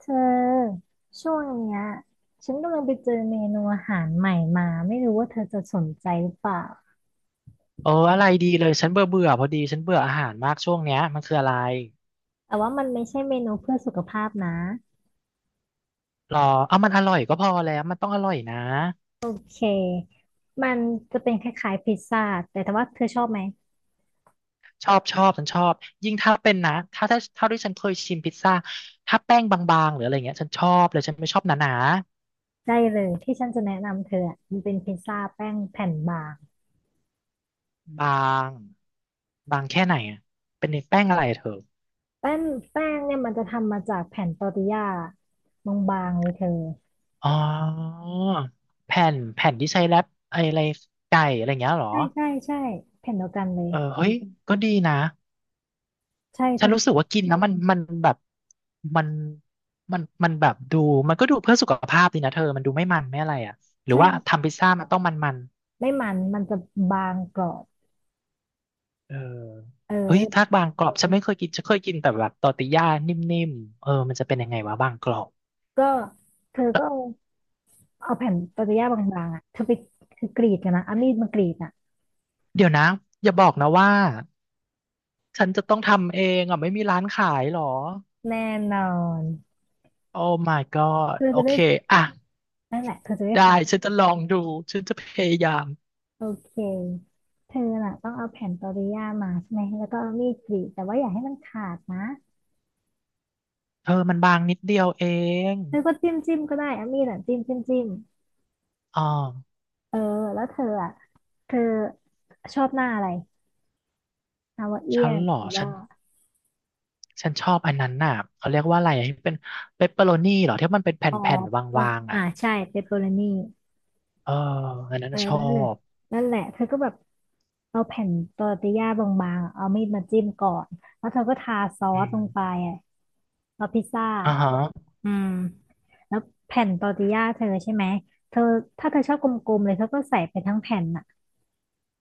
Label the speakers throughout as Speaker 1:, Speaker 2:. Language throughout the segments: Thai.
Speaker 1: เธอช่วงเนี้ยฉันกำลังไปเจอเมนูอาหารใหม่มาไม่รู้ว่าเธอจะสนใจหรือเปล่า
Speaker 2: เอออะไรดีเลยฉันเบื่อเบื่อพอดีฉันเบื่ออาหารมากช่วงเนี้ยมันคืออะไร
Speaker 1: แต่ว่ามันไม่ใช่เมนูเพื่อสุขภาพนะ
Speaker 2: รอเอามันอร่อยก็พอแล้วมันต้องอร่อยนะ
Speaker 1: โอเคมันจะเป็นคล้ายๆพิซซ่าแต่ถ้าว่าเธอชอบไหม
Speaker 2: ชอบชอบฉันชอบยิ่งถ้าเป็นนะถ้าเท่าที่ฉันเคยชิมพิซซ่าถ้าแป้งบางๆหรืออะไรเงี้ยฉันชอบเลยฉันไม่ชอบหนา
Speaker 1: ได้เลยที่ฉันจะแนะนำเธออะมันเป็นพิซซ่าแป้งแผ่นบาง
Speaker 2: ๆบางบางแค่ไหนอะเป็นแป้งอะไรอะเธอ
Speaker 1: แป้งแป้งเนี่ยมันจะทำมาจากแผ่นตอร์ติญาบางๆเลยเธอ
Speaker 2: อ๋อแผ่นแผ่นที่ใช้แรปไออะไรไก่อะไรเงี้ยเหรอ
Speaker 1: ใช่แผ่นเดียวกันเลย
Speaker 2: เออเฮ้ยก็ดีนะ
Speaker 1: ใช่เธ
Speaker 2: ฉันรู้สึ
Speaker 1: อ
Speaker 2: กว่ากินแล้วมันแบบมันมันแบบดูมันก็ดูเพื่อสุขภาพดีนะเธอมันดูไม่มันไม่อะไรอ่ะหรือว่า
Speaker 1: ใช่
Speaker 2: ทำพิซซ่ามันต้องมัน
Speaker 1: ไม่มันจะบางกรอบ
Speaker 2: เออ
Speaker 1: เ
Speaker 2: เฮ้ย
Speaker 1: ออ
Speaker 2: ทากบางกรอบฉันไม่เคยกินฉันเคยกินแต่แบบตอร์ติญ่านิ่มๆเออมันจะเป็นยังไงวะบางกรอบ
Speaker 1: ก็เธอก็
Speaker 2: เ
Speaker 1: เอาเอาแผ่นปาเปย่าบางๆอ่ะเธอไปคือกรีดกันนะเอามีดมากรีดอ่ะ
Speaker 2: ดี๋ยวนะอย่าบอกนะว่าฉันจะต้องทำเองอ่ะไม่มีร้านขายเหรอ
Speaker 1: แน่นอน
Speaker 2: โอ้ my
Speaker 1: เธ
Speaker 2: god
Speaker 1: อ
Speaker 2: โอ
Speaker 1: จะได้
Speaker 2: เคอ่ะ
Speaker 1: นั่นแหละเธอจะได้ท
Speaker 2: ได้ฉันจะลองดูฉันจะพยายาม
Speaker 1: ำโอเคเธอน่ะต้องเอาแผ่นปาเปย่ามาใช่ไหมแล้วก็เอามีดกรีดแต่ว่าอย่าให้มันขาดนะ
Speaker 2: เธอมันบางนิดเดียวเอง
Speaker 1: เธอก็จิ้มก็ได้เอามีดอ่ะจิ้ม
Speaker 2: อ๋อ
Speaker 1: เออแล้วเธออ่ะเธอชอบหน้าอะไรฮาวาเอี
Speaker 2: ฉั
Speaker 1: ย
Speaker 2: น
Speaker 1: น
Speaker 2: เหร
Speaker 1: ห
Speaker 2: อ
Speaker 1: รือ
Speaker 2: ฉั
Speaker 1: ว่า
Speaker 2: น ฉันชอบอันนั้นน่ะเขาเรียกว่าอะไรอ่ะที่เป็นเปปเปอโรนี่เหรอที่มันเป็นแผ
Speaker 1: ออ
Speaker 2: ่นๆ
Speaker 1: เออ
Speaker 2: วางๆ
Speaker 1: อ่า
Speaker 2: อ่ะ
Speaker 1: ใช่เปปเปอโรนี่
Speaker 2: เอออันนั้น
Speaker 1: เออ
Speaker 2: น่ะชอบ
Speaker 1: นั่นแหละเธอก็แบบเอาแผ่นตอร์ติญญาบางๆอะเอามีดมาจิ้มก่อนแล้วเธอก็ทาซอ
Speaker 2: อื
Speaker 1: ส
Speaker 2: ม
Speaker 1: ลงไปอ่ะเอาพิซซ่า
Speaker 2: อ่าฮะ
Speaker 1: อืมแล้วแผ่นตอร์ติญญาเธอใช่ไหมเธอถ้าเธอชอบกลมๆเลยเธอก็ใส่ไปทั้งแผ่นน่ะ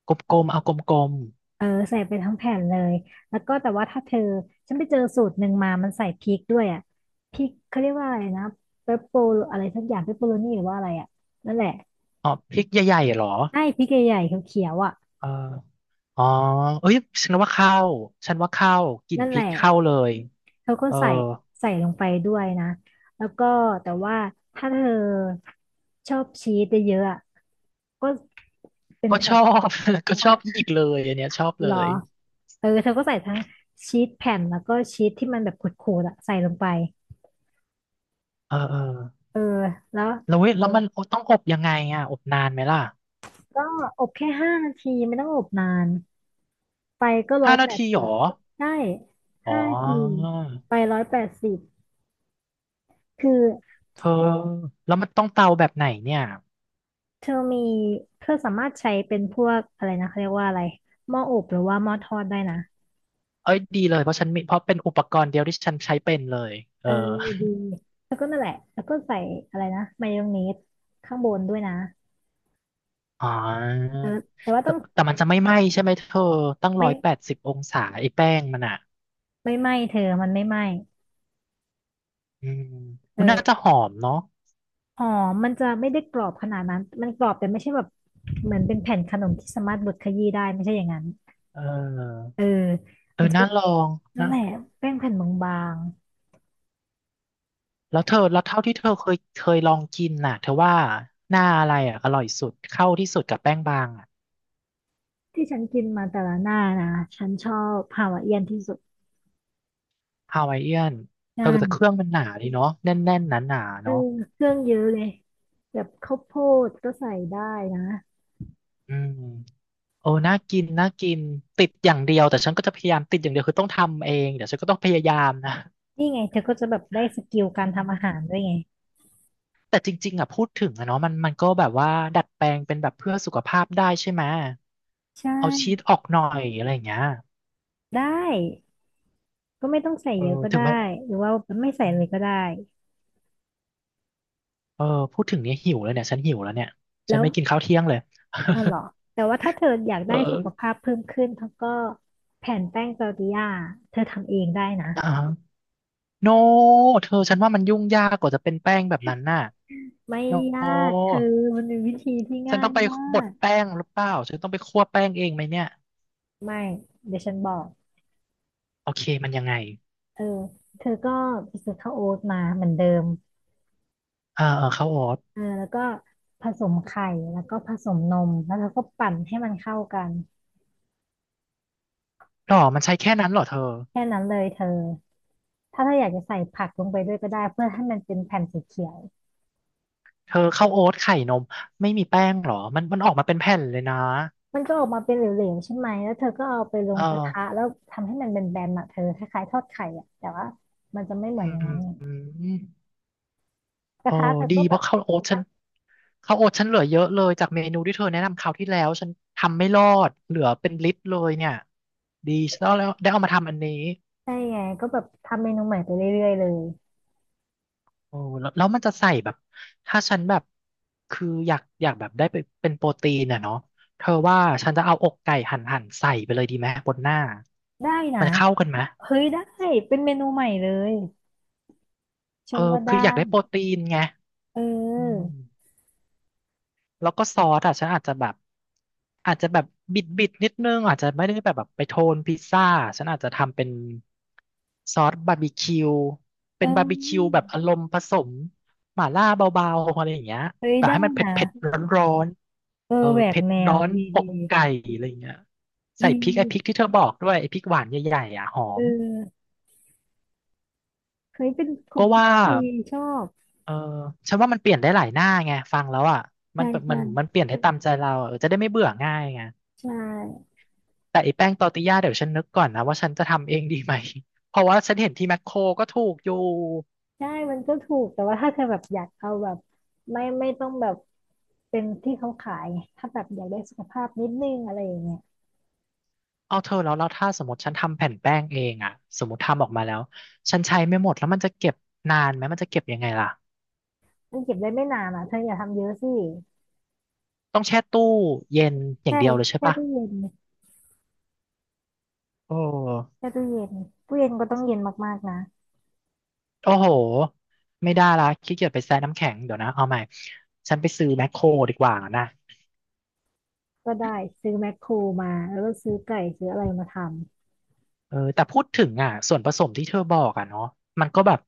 Speaker 2: กลมๆเอากลม
Speaker 1: เออใส่ไปทั้งแผ่นเลยแล้วก็แต่ว่าถ้าเธอฉันไปเจอสูตรหนึ่งมามันใส่พริกด้วยอ่ะพริกเขาเรียกว่าอะไรนะเปปโปอะไรสักอย่างเปปโปโรนี่หรือว่าอะไรอ่ะนั่นแหละ
Speaker 2: ๆอ๋อพริกใหญ่ๆเหรอ
Speaker 1: ใอ้พริกใหญ่ๆเขียวๆอ่ะ
Speaker 2: เอออ๋อเอ้ยฉันว่าเข้าฉันว่าเข้ากลิ่น
Speaker 1: นั่น
Speaker 2: พ
Speaker 1: แห
Speaker 2: ริ
Speaker 1: ละ
Speaker 2: กเข้าเลย
Speaker 1: เขาก็
Speaker 2: เออ
Speaker 1: ใส่ใส่ลงไปด้วยนะแล้วก็แต่ว่าถ้าเธอชอบชีสเยอะๆอะก็เป็น
Speaker 2: ก็ช
Speaker 1: แผ่น
Speaker 2: อบ ก็
Speaker 1: อ๋
Speaker 2: ช
Speaker 1: อ
Speaker 2: อบอีกเลยอันเนี้ยชอบ
Speaker 1: เห
Speaker 2: เล
Speaker 1: รอ
Speaker 2: ย
Speaker 1: เออเธอก็ใส่ทั้งชีสแผ่นแล้วก็ชีสที่มันแบบขูดๆอะใส่ลงไป
Speaker 2: เออเออ
Speaker 1: เออแล้ว
Speaker 2: แล้วมันต้องอบยังไงอ่ะอบนานไหมล่ะ
Speaker 1: ก็อบแค่ห้านาทีไม่ต้องอบนานไฟก็ร้อ
Speaker 2: ห้า
Speaker 1: ย
Speaker 2: นา
Speaker 1: แปด
Speaker 2: ทีเหร
Speaker 1: สิบ
Speaker 2: อ
Speaker 1: ได้
Speaker 2: อ๋อ
Speaker 1: ห้านาทีไปร้อยแปดสิบคือ
Speaker 2: เธอแล้วมันต้องเตาแบบไหนเนี่ย
Speaker 1: เธอมีเธอสามารถใช้เป็นพวกอะไรนะเขาเรียกว่าอะไรหม้ออบหรือว่าหม้อทอดได้นะ
Speaker 2: เอ้ยดีเลยเพราะฉันมีเพราะเป็นอุปกรณ์เดียวที่ฉันใช้เป็นเลยเอ
Speaker 1: เอ
Speaker 2: อ
Speaker 1: อดีแล้วก็นั่นแหละแล้วก็ใส่อะไรนะมายองเนสข้างบนด้วยนะ
Speaker 2: อ๋อ
Speaker 1: เออแต่ว่าต้
Speaker 2: แต่
Speaker 1: อง
Speaker 2: แต่มันจะไม่ไหม้ใช่ไหมเธอตั้ง
Speaker 1: ไม่
Speaker 2: 180 องศาไอ้แป้งมันอ่ะ
Speaker 1: ไม่ไหม้เธอมันไม่ไหม้
Speaker 2: อืม
Speaker 1: เอ
Speaker 2: มันน่าจะ
Speaker 1: อ
Speaker 2: หอมเนาะ
Speaker 1: หอมมันจะไม่ได้กรอบขนาดนั้นมันกรอบแต่ไม่ใช่แบบเหมือนเป็นแผ่นขนมที่สามารถบดขยี้ได้ไม่ใช่อย่างนั้น
Speaker 2: เออ
Speaker 1: เออ
Speaker 2: เออ
Speaker 1: มันจะ
Speaker 2: น่า
Speaker 1: เป็น
Speaker 2: ลอง
Speaker 1: นั่
Speaker 2: นะ
Speaker 1: นแหละแป้งแผ่นบาง
Speaker 2: แล้วเท่าที่เธอเคยลองกินน่ะเธอว่าหน้าอะไรอ่ะอร่อยสุดเข้าที่สุดกับแป้งบางอ่ะ
Speaker 1: ๆที่ฉันกินมาแต่ละหน้านะฉันชอบฮาวายเอียนที่สุด
Speaker 2: ฮาวายเอียนเออแต่เค
Speaker 1: ใช่
Speaker 2: รื่องมันหนาดีเนาะแน่นๆหนาๆ
Speaker 1: เออ
Speaker 2: เนาะ
Speaker 1: เครื่องเยอะเลยแบบข้าวโพดก็ใส่ได้นะ
Speaker 2: อืม โอ้น่ากิน น่ากิน ติดอย่างเดียวแต่ฉันก็จะพยายามติดอย่างเดียวคือต้องทำเองเดี๋ยวฉันก็ต้องพยายามนะ
Speaker 1: นี่ไงเธอก็จะแบบได้สกิลการ
Speaker 2: อื
Speaker 1: ทำอาหารด้ว
Speaker 2: ม
Speaker 1: ยไง
Speaker 2: แต่จริงๆอ่ะพูดถึงอะเนาะมันมันก็แบบว่าดัดแปลงเป็นแบบเพื่อสุขภาพได้ใช่ไหม
Speaker 1: ใช่
Speaker 2: เอาชีสออกหน่อยอะไรอย่างเงี้ย
Speaker 1: ได้ก็ไม่ต้องใส่
Speaker 2: เออ
Speaker 1: เยอะก็
Speaker 2: ถึง
Speaker 1: ได้
Speaker 2: มัน
Speaker 1: หรือว่าไม่ใส่
Speaker 2: อื
Speaker 1: เลยก็
Speaker 2: ม
Speaker 1: ได้
Speaker 2: เออพูดถึงเนี้ยหิวเลยเนี่ยฉันหิวแล้วเนี่ยฉั
Speaker 1: แล้
Speaker 2: น
Speaker 1: ว
Speaker 2: ไม่กินข้าวเที่ยงเลย
Speaker 1: อ๋อเหรอแต่ว่าถ้าเธออยาก ได้สุ
Speaker 2: เออ
Speaker 1: ขภาพเพิ่มขึ้นเธอก็แผ่นแป้งซาลตดิย่าเธอทำเองได้นะ
Speaker 2: อ่าโนเธอฉันว่ามันยุ่งยากกว่าจะเป็นแป้งแบบนั้นน่ะ
Speaker 1: ไม่
Speaker 2: โน
Speaker 1: ยากเธอมันเป็นวิธีที่
Speaker 2: ฉัน
Speaker 1: ง่า
Speaker 2: ต้
Speaker 1: ย
Speaker 2: องไป
Speaker 1: มา
Speaker 2: บด
Speaker 1: ก
Speaker 2: แป้งหรือเปล่าฉันต้องไปคั่วแป้งเองไหมเนี่ย
Speaker 1: ไม่เดี๋ยวฉันบอก
Speaker 2: โอเคมันยังไง
Speaker 1: เออเธอก็ไปซื้อข้าวโอ๊ตมาเหมือนเดิม
Speaker 2: เออเออข้าวโอ๊ต
Speaker 1: เออแล้วก็ผสมไข่แล้วก็ผสมนมแล้วเธอก็ปั่นให้มันเข้ากัน
Speaker 2: หรอมันใช้แค่นั้นเหรอเธอ
Speaker 1: แค่นั้นเลยเธอ ถ้าเธออยากจะใส่ผักลงไปด้วยก็ได้เพื่อให้มันเป็นแผ่นสีเขียว
Speaker 2: เธอข้าวโอ๊ตไข่นมไม่มีแป้งเหรอมันออกมาเป็นแผ่นเลยนะ
Speaker 1: มันก็ออกมาเป็นเหลวๆใช่ไหม แล้วเธอก็เอาไปล
Speaker 2: เอ
Speaker 1: ง
Speaker 2: อ
Speaker 1: กระทะแล้วทำให้มันเป็นแบนๆอ่ะเธอคล้ายๆทอดไข่อ่ะแต่ว่ามันจะไม่เหมือน
Speaker 2: อื
Speaker 1: อย่างนั้
Speaker 2: ม
Speaker 1: นไง
Speaker 2: อืม
Speaker 1: กระ
Speaker 2: โอ้
Speaker 1: ทะเธอ
Speaker 2: ดี
Speaker 1: ก็
Speaker 2: เพ
Speaker 1: แบบ
Speaker 2: ราะข้าวโอ๊ตฉันข้าวโอ๊ตฉันเหลือเยอะเลยจากเมนูที่เธอแนะนำคราวที่แล้วฉันทำไม่รอดเหลือเป็นลิตรเลยเนี่ยดีฉันแล้วได้เอามาทำอันนี้
Speaker 1: ได้ไงก็แบบทำเมนูใหม่ไปเรื่อยๆเลย
Speaker 2: โอ้แล้วมันจะใส่แบบถ้าฉันแบบคืออยากแบบได้ไปเป็นโปรตีนอะเนาะเธอว่าฉันจะเอาอกไก่หั่นหั่นใส่ไปเลยดีไหมบนหน้า
Speaker 1: ได้นะ
Speaker 2: มันเข้ากันไหม
Speaker 1: เฮ้ยได้เป็นเมนูใหม่เลย
Speaker 2: เอ
Speaker 1: ฉั
Speaker 2: อ
Speaker 1: นว่า
Speaker 2: คื
Speaker 1: ได้
Speaker 2: ออยากได้โปรตีนไง
Speaker 1: เ
Speaker 2: อื
Speaker 1: ออ
Speaker 2: ม แล้วก็ซอสอ่ะฉันอาจจะแบบอาจจะแบบบิดบิดนิดนึงอาจจะไม่ได้แบบไปโทนพิซซ่าฉันอาจจะทำเป็นซอสบาร์บีคิว
Speaker 1: เอ
Speaker 2: เป็นบาร์บีคิว
Speaker 1: อ
Speaker 2: แบบอารมณ์ผสมหม่าล่าเบาๆอะไรอย่างเงี้ย
Speaker 1: เฮ้ย
Speaker 2: แต่
Speaker 1: ได้
Speaker 2: ให้มันเผ็ด
Speaker 1: นะ
Speaker 2: เผ็ดร้อน
Speaker 1: เออ
Speaker 2: ๆเออ
Speaker 1: แหวก
Speaker 2: เผ็ด
Speaker 1: แน
Speaker 2: ร้
Speaker 1: ว
Speaker 2: อน
Speaker 1: ดี
Speaker 2: อ
Speaker 1: ดี
Speaker 2: กไก่อะไรอย่างเงี้ย
Speaker 1: ด
Speaker 2: ใส่พริกไอ้พริก
Speaker 1: ี
Speaker 2: ที่เธอบอกด้วยไอ้พริกหวานใหญ่ๆอ่ะหอ
Speaker 1: เอ
Speaker 2: ม
Speaker 1: อเฮ้ยเป็นควา
Speaker 2: ก็
Speaker 1: มคิด
Speaker 2: ว่า
Speaker 1: ที่ดีชอบ
Speaker 2: เออฉันว่ามันเปลี่ยนได้หลายหน้าไงฟังแล้วอ่ะมั
Speaker 1: ใช่
Speaker 2: นมั
Speaker 1: ใช่
Speaker 2: นมันเปลี่ยนได้ตามใจเราเออจะได้ไม่เบื่อง่ายไง
Speaker 1: ใช่
Speaker 2: แต่ไอ้แป้งตอร์ติญญาเดี๋ยวฉันนึกก่อนนะว่าฉันจะทำเองดีไหม เพราะว่าฉันเห็นที่แมคโครก็ถูกอยู่
Speaker 1: ใช่มันก็ถูกแต่ว่าถ้าเธอแบบอยากเอาแบบไม่ต้องแบบเป็นที่เขาขายไงถ้าแบบอยากได้สุขภาพนิดนึงอะไรอย่างเงี้ย
Speaker 2: เอาเธอแล้วถ้าสมมติฉันทำแผ่นแป้งเองอะสมมติทำออกมาแล้วฉันใช้ไม่หมดแล้วมันจะเก็บนานไหมมันจะเก็บยังไงล่ะ
Speaker 1: มันเก็บได้ไม่นานอ่ะเธออย่าทำเยอะสิ
Speaker 2: ต้องแช่ตู้เย็นอย่า
Speaker 1: ใช่
Speaker 2: งเดียวเลยใช่
Speaker 1: แค่
Speaker 2: ปะ
Speaker 1: ตู้เย็น
Speaker 2: โอ้
Speaker 1: แค่ตู้เย็นตู้เย็นก็ต้องเย็นมากๆนะ
Speaker 2: โอ้โหไม่ได้ละขี้เกียจไปแช่น้ำแข็งเดี๋ยวนะเอาใหม่ฉันไปซื้อแมคโครดีกว่านะ
Speaker 1: ก็ได้ซื้อแมคโครมาแล้วก็ซื้อไก่ซื้ออะไรมาทำ
Speaker 2: เออแต่พูดถึงอ่ะส่วนผสมที่เธอบอกอ่ะเนาะมันก็แบบ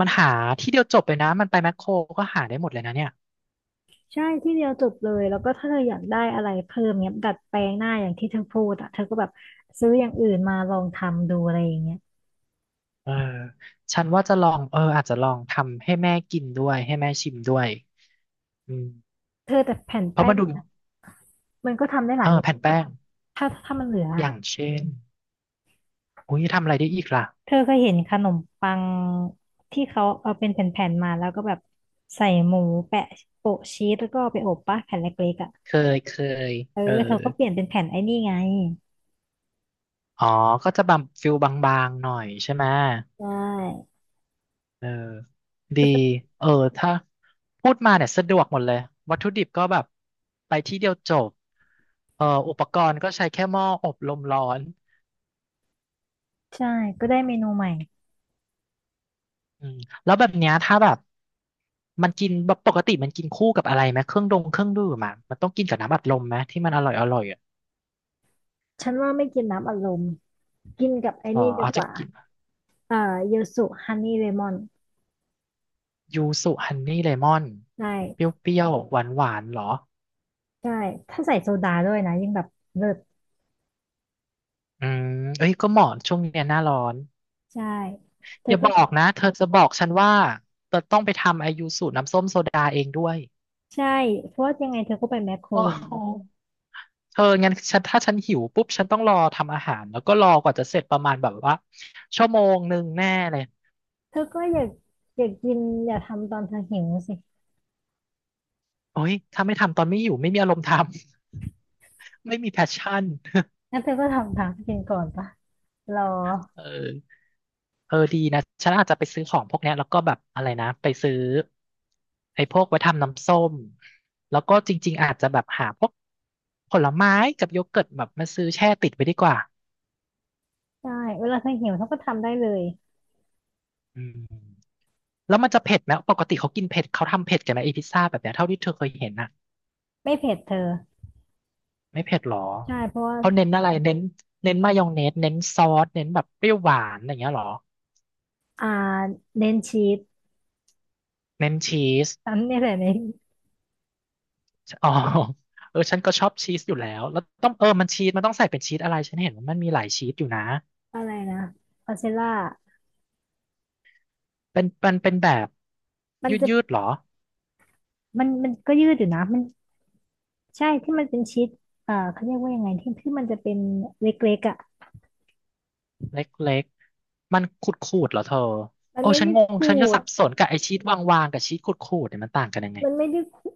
Speaker 2: มันหาที่เดียวจบเลยนะมันไปแมคโครก็หาได้หมดเลยนะเนี่ย
Speaker 1: ใช่ที่เดียวจบเลยแล้วก็ถ้าเธออยากได้อะไรเพิ่มเนี้ยดัดแปลงหน้าอย่างที่เธอพูดอ่ะเธอก็แบบซื้ออย่างอื่นมาลองทำดูอะไรอย่างเงี้ย
Speaker 2: เออฉันว่าจะลองอาจจะลองทำให้แม่กินด้วยให้แม่ชิมด้วยอืม
Speaker 1: เธอแต่แผ่น
Speaker 2: เพราะ
Speaker 1: แป้
Speaker 2: มัน
Speaker 1: ง
Speaker 2: ดู
Speaker 1: มันก็ทำได้หลายเมนู
Speaker 2: แผ่นแป้ง
Speaker 1: ถ้ามันเหลือ
Speaker 2: อ
Speaker 1: อะ
Speaker 2: ย่างเช่นอุ้ยทำอะไรได้อีกล่ะ
Speaker 1: เธอเคยเห็นขนมปังที่เขาเอาเป็นแผ่นๆมาแล้วก็แบบใส่หมูแปะโปะชีสแล้วก็เอาไปอบปะแผ่นเล็กๆอ่ะ
Speaker 2: เคเคย
Speaker 1: เออ
Speaker 2: เออ
Speaker 1: เธอก็เปลี่ยนเป็นแผ่นไอ้นี่ไง
Speaker 2: อ๋อก็จะบางฟิลบางๆหน่อยใช่ไหม
Speaker 1: ใช่
Speaker 2: เออดี
Speaker 1: ก็จะ
Speaker 2: เออถ้าพูดมาเนี่ยสะดวกหมดเลยวัตถุดิบก็แบบไปที่เดียวจบอุปกรณ์ก็ใช้แค่หม้ออบลมร้อน
Speaker 1: ใช่ก็ได้เมนูใหม่
Speaker 2: อืมแล้วแบบเนี้ยถ้าแบบมันกินแบบปกติมันกินคู่กับอะไรไหมเครื่องดองเครื่องดื่มอะมันต้องกินกับน้ำอัดลมไหมที่มันอร่อยอ่ะ
Speaker 1: ฉันว่าไม่กินน้ำอัดลมกินกับไอ้
Speaker 2: อ๋อ
Speaker 1: นี่ดี
Speaker 2: เอา
Speaker 1: ก
Speaker 2: จะ
Speaker 1: ว่า
Speaker 2: กิน
Speaker 1: เอ่อเยลสุฮันนี่เลมอน
Speaker 2: ยูสุฮันนี่เลมอน
Speaker 1: ได้
Speaker 2: เปรี้ยวๆหวานหวานเหรอ
Speaker 1: ใช่ถ้าใส่โซดาด้วยนะยิ่งแบบเลิศ
Speaker 2: อืมเอ้ยก็เหมาะช่วงเนี้ยหน้าร้อน
Speaker 1: ใช่ เธ
Speaker 2: อ
Speaker 1: อ
Speaker 2: ย่า
Speaker 1: ก็
Speaker 2: บอกนะเธอจะบอกฉันว่าเธอต้องไปทำไอยูสุน้ำส้มโซดาเองด้วย
Speaker 1: ใช่เพราะว่ายังไงเธอก็ไปแมคโคร
Speaker 2: โอ้
Speaker 1: อยู่แล้
Speaker 2: โห
Speaker 1: ว
Speaker 2: เธองั้นฉันถ้าฉันหิวปุ๊บฉันต้องรอทำอาหารแล้วก็รอกว่าจะเสร็จประมาณแบบว่าชั่วโมงหนึ่งแน่เลย
Speaker 1: เธอก็อยากอยากกินอย่าทำตอนเธอหิวสิ
Speaker 2: โอ้ยถ้าไม่ทำตอนไม่อยู่ไม่มีอารมณ์ทำ ไม่มีแพชชั่น
Speaker 1: งั้นเธอก็ทำตามกินก่อนปะรอ
Speaker 2: เออดีนะฉันอาจจะไปซื้อของพวกเนี้ยแล้วก็แบบอะไรนะไปซื้อไอ้พวกไว้ทำน้ำส้มแล้วก็จริงๆอาจจะแบบหาพวกผลไม้กับโยเกิร์ตแบบมาซื้อแช่ติดไว้ดีกว่า
Speaker 1: ใช่เวลาเธอหิวเธอก็ทำได้เลย
Speaker 2: อืมแล้วมันจะเผ็ดไหมปกติเขากินเผ็ดเขาทำเผ็ดกันไหมไอพิซซ่าแบบเนี้ยเท่าที่เธอเคยเห็นน่ะ
Speaker 1: ไม่เผ็ดเธอ
Speaker 2: ไม่เผ็ดหรอ
Speaker 1: ใช่เพราะว่า
Speaker 2: เขาเน้นอะไรเน้นเน้นมายองเนสเน้นซอสเน้นแบบเปรี้ยวหวานอะไรอย่างเงี้ยหรอ
Speaker 1: อ่าเน้นชีส
Speaker 2: เน้นชีส
Speaker 1: อันนี้แหละเน้น
Speaker 2: อ๋อฉันก็ชอบชีสอยู่แล้วแล้วต้องมันชีสมันต้องใส่เป็นชีสอะไรฉันเห็นว่ามันมีหลายชีสอยู่นะ
Speaker 1: อะไรนะพาเซล่า
Speaker 2: เป็นแบบ
Speaker 1: มัน
Speaker 2: ยืด
Speaker 1: จะ
Speaker 2: ยืดหรอ
Speaker 1: มันก็ยืดอยู่นะมันใช่ที่มันเป็นชีสเขาเรียกว่ายังไงที่มันจะเป็นเล็กๆอ่ะ
Speaker 2: เล็กๆมันขูดเหรอเธอ
Speaker 1: มัน
Speaker 2: โอ้
Speaker 1: ไม่
Speaker 2: ฉัน
Speaker 1: ได้
Speaker 2: งง
Speaker 1: ขู
Speaker 2: ฉันก็สั
Speaker 1: ด
Speaker 2: บสนกับไอชีสวางๆกับชีสขูดเนี่ยมันต่างกันยังไง
Speaker 1: มันไม่ได้ขูด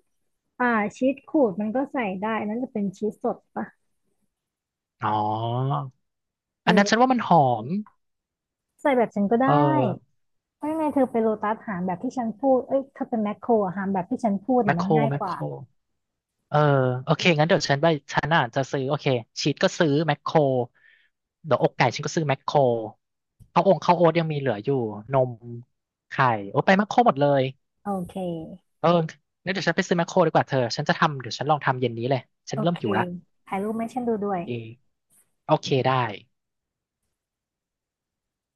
Speaker 1: อ่าชีสขูดมันก็ใส่ได้อันนั่นจะเป็นชีสสดปะ
Speaker 2: อ๋ออันนั้นฉั
Speaker 1: เออ
Speaker 2: นว่ามันหอม
Speaker 1: ใส่แบบฉันก็ได
Speaker 2: เออ
Speaker 1: ้ ไม่เธอไปโลตัสหารแบบที่ฉันพูดเอ้ยเธอเป็นแมคโครหารแบบที่ฉันพูด
Speaker 2: แม
Speaker 1: น่ะ
Speaker 2: คโค
Speaker 1: มัน
Speaker 2: ร
Speaker 1: ง่าย
Speaker 2: แม
Speaker 1: ก
Speaker 2: คโค
Speaker 1: ว่า
Speaker 2: ร เออโอเคงั้นเดี๋ยวฉันไปฉันอ่ะจะซื้อโอเคชีสก็ซื้อแมคโครเดี๋ยวอกไก่ฉันก็ซื้อแมคโครข้าวองข้าวโอ๊ตยังมีเหลืออยู่นมไข่โอ้ไปแมคโครหมดเลย
Speaker 1: โอเค
Speaker 2: เอองั้นเดี๋ยวฉันไปซื้อแมคโครดีกว่าเธอฉันจะทำเดี๋ยวฉันลองทำเย็นนี้เลยฉั
Speaker 1: โอ
Speaker 2: นเริ่ม
Speaker 1: เค
Speaker 2: หิวละ
Speaker 1: ถ่ายรูปให้ฉันดูด้วย
Speaker 2: เออโอเคได้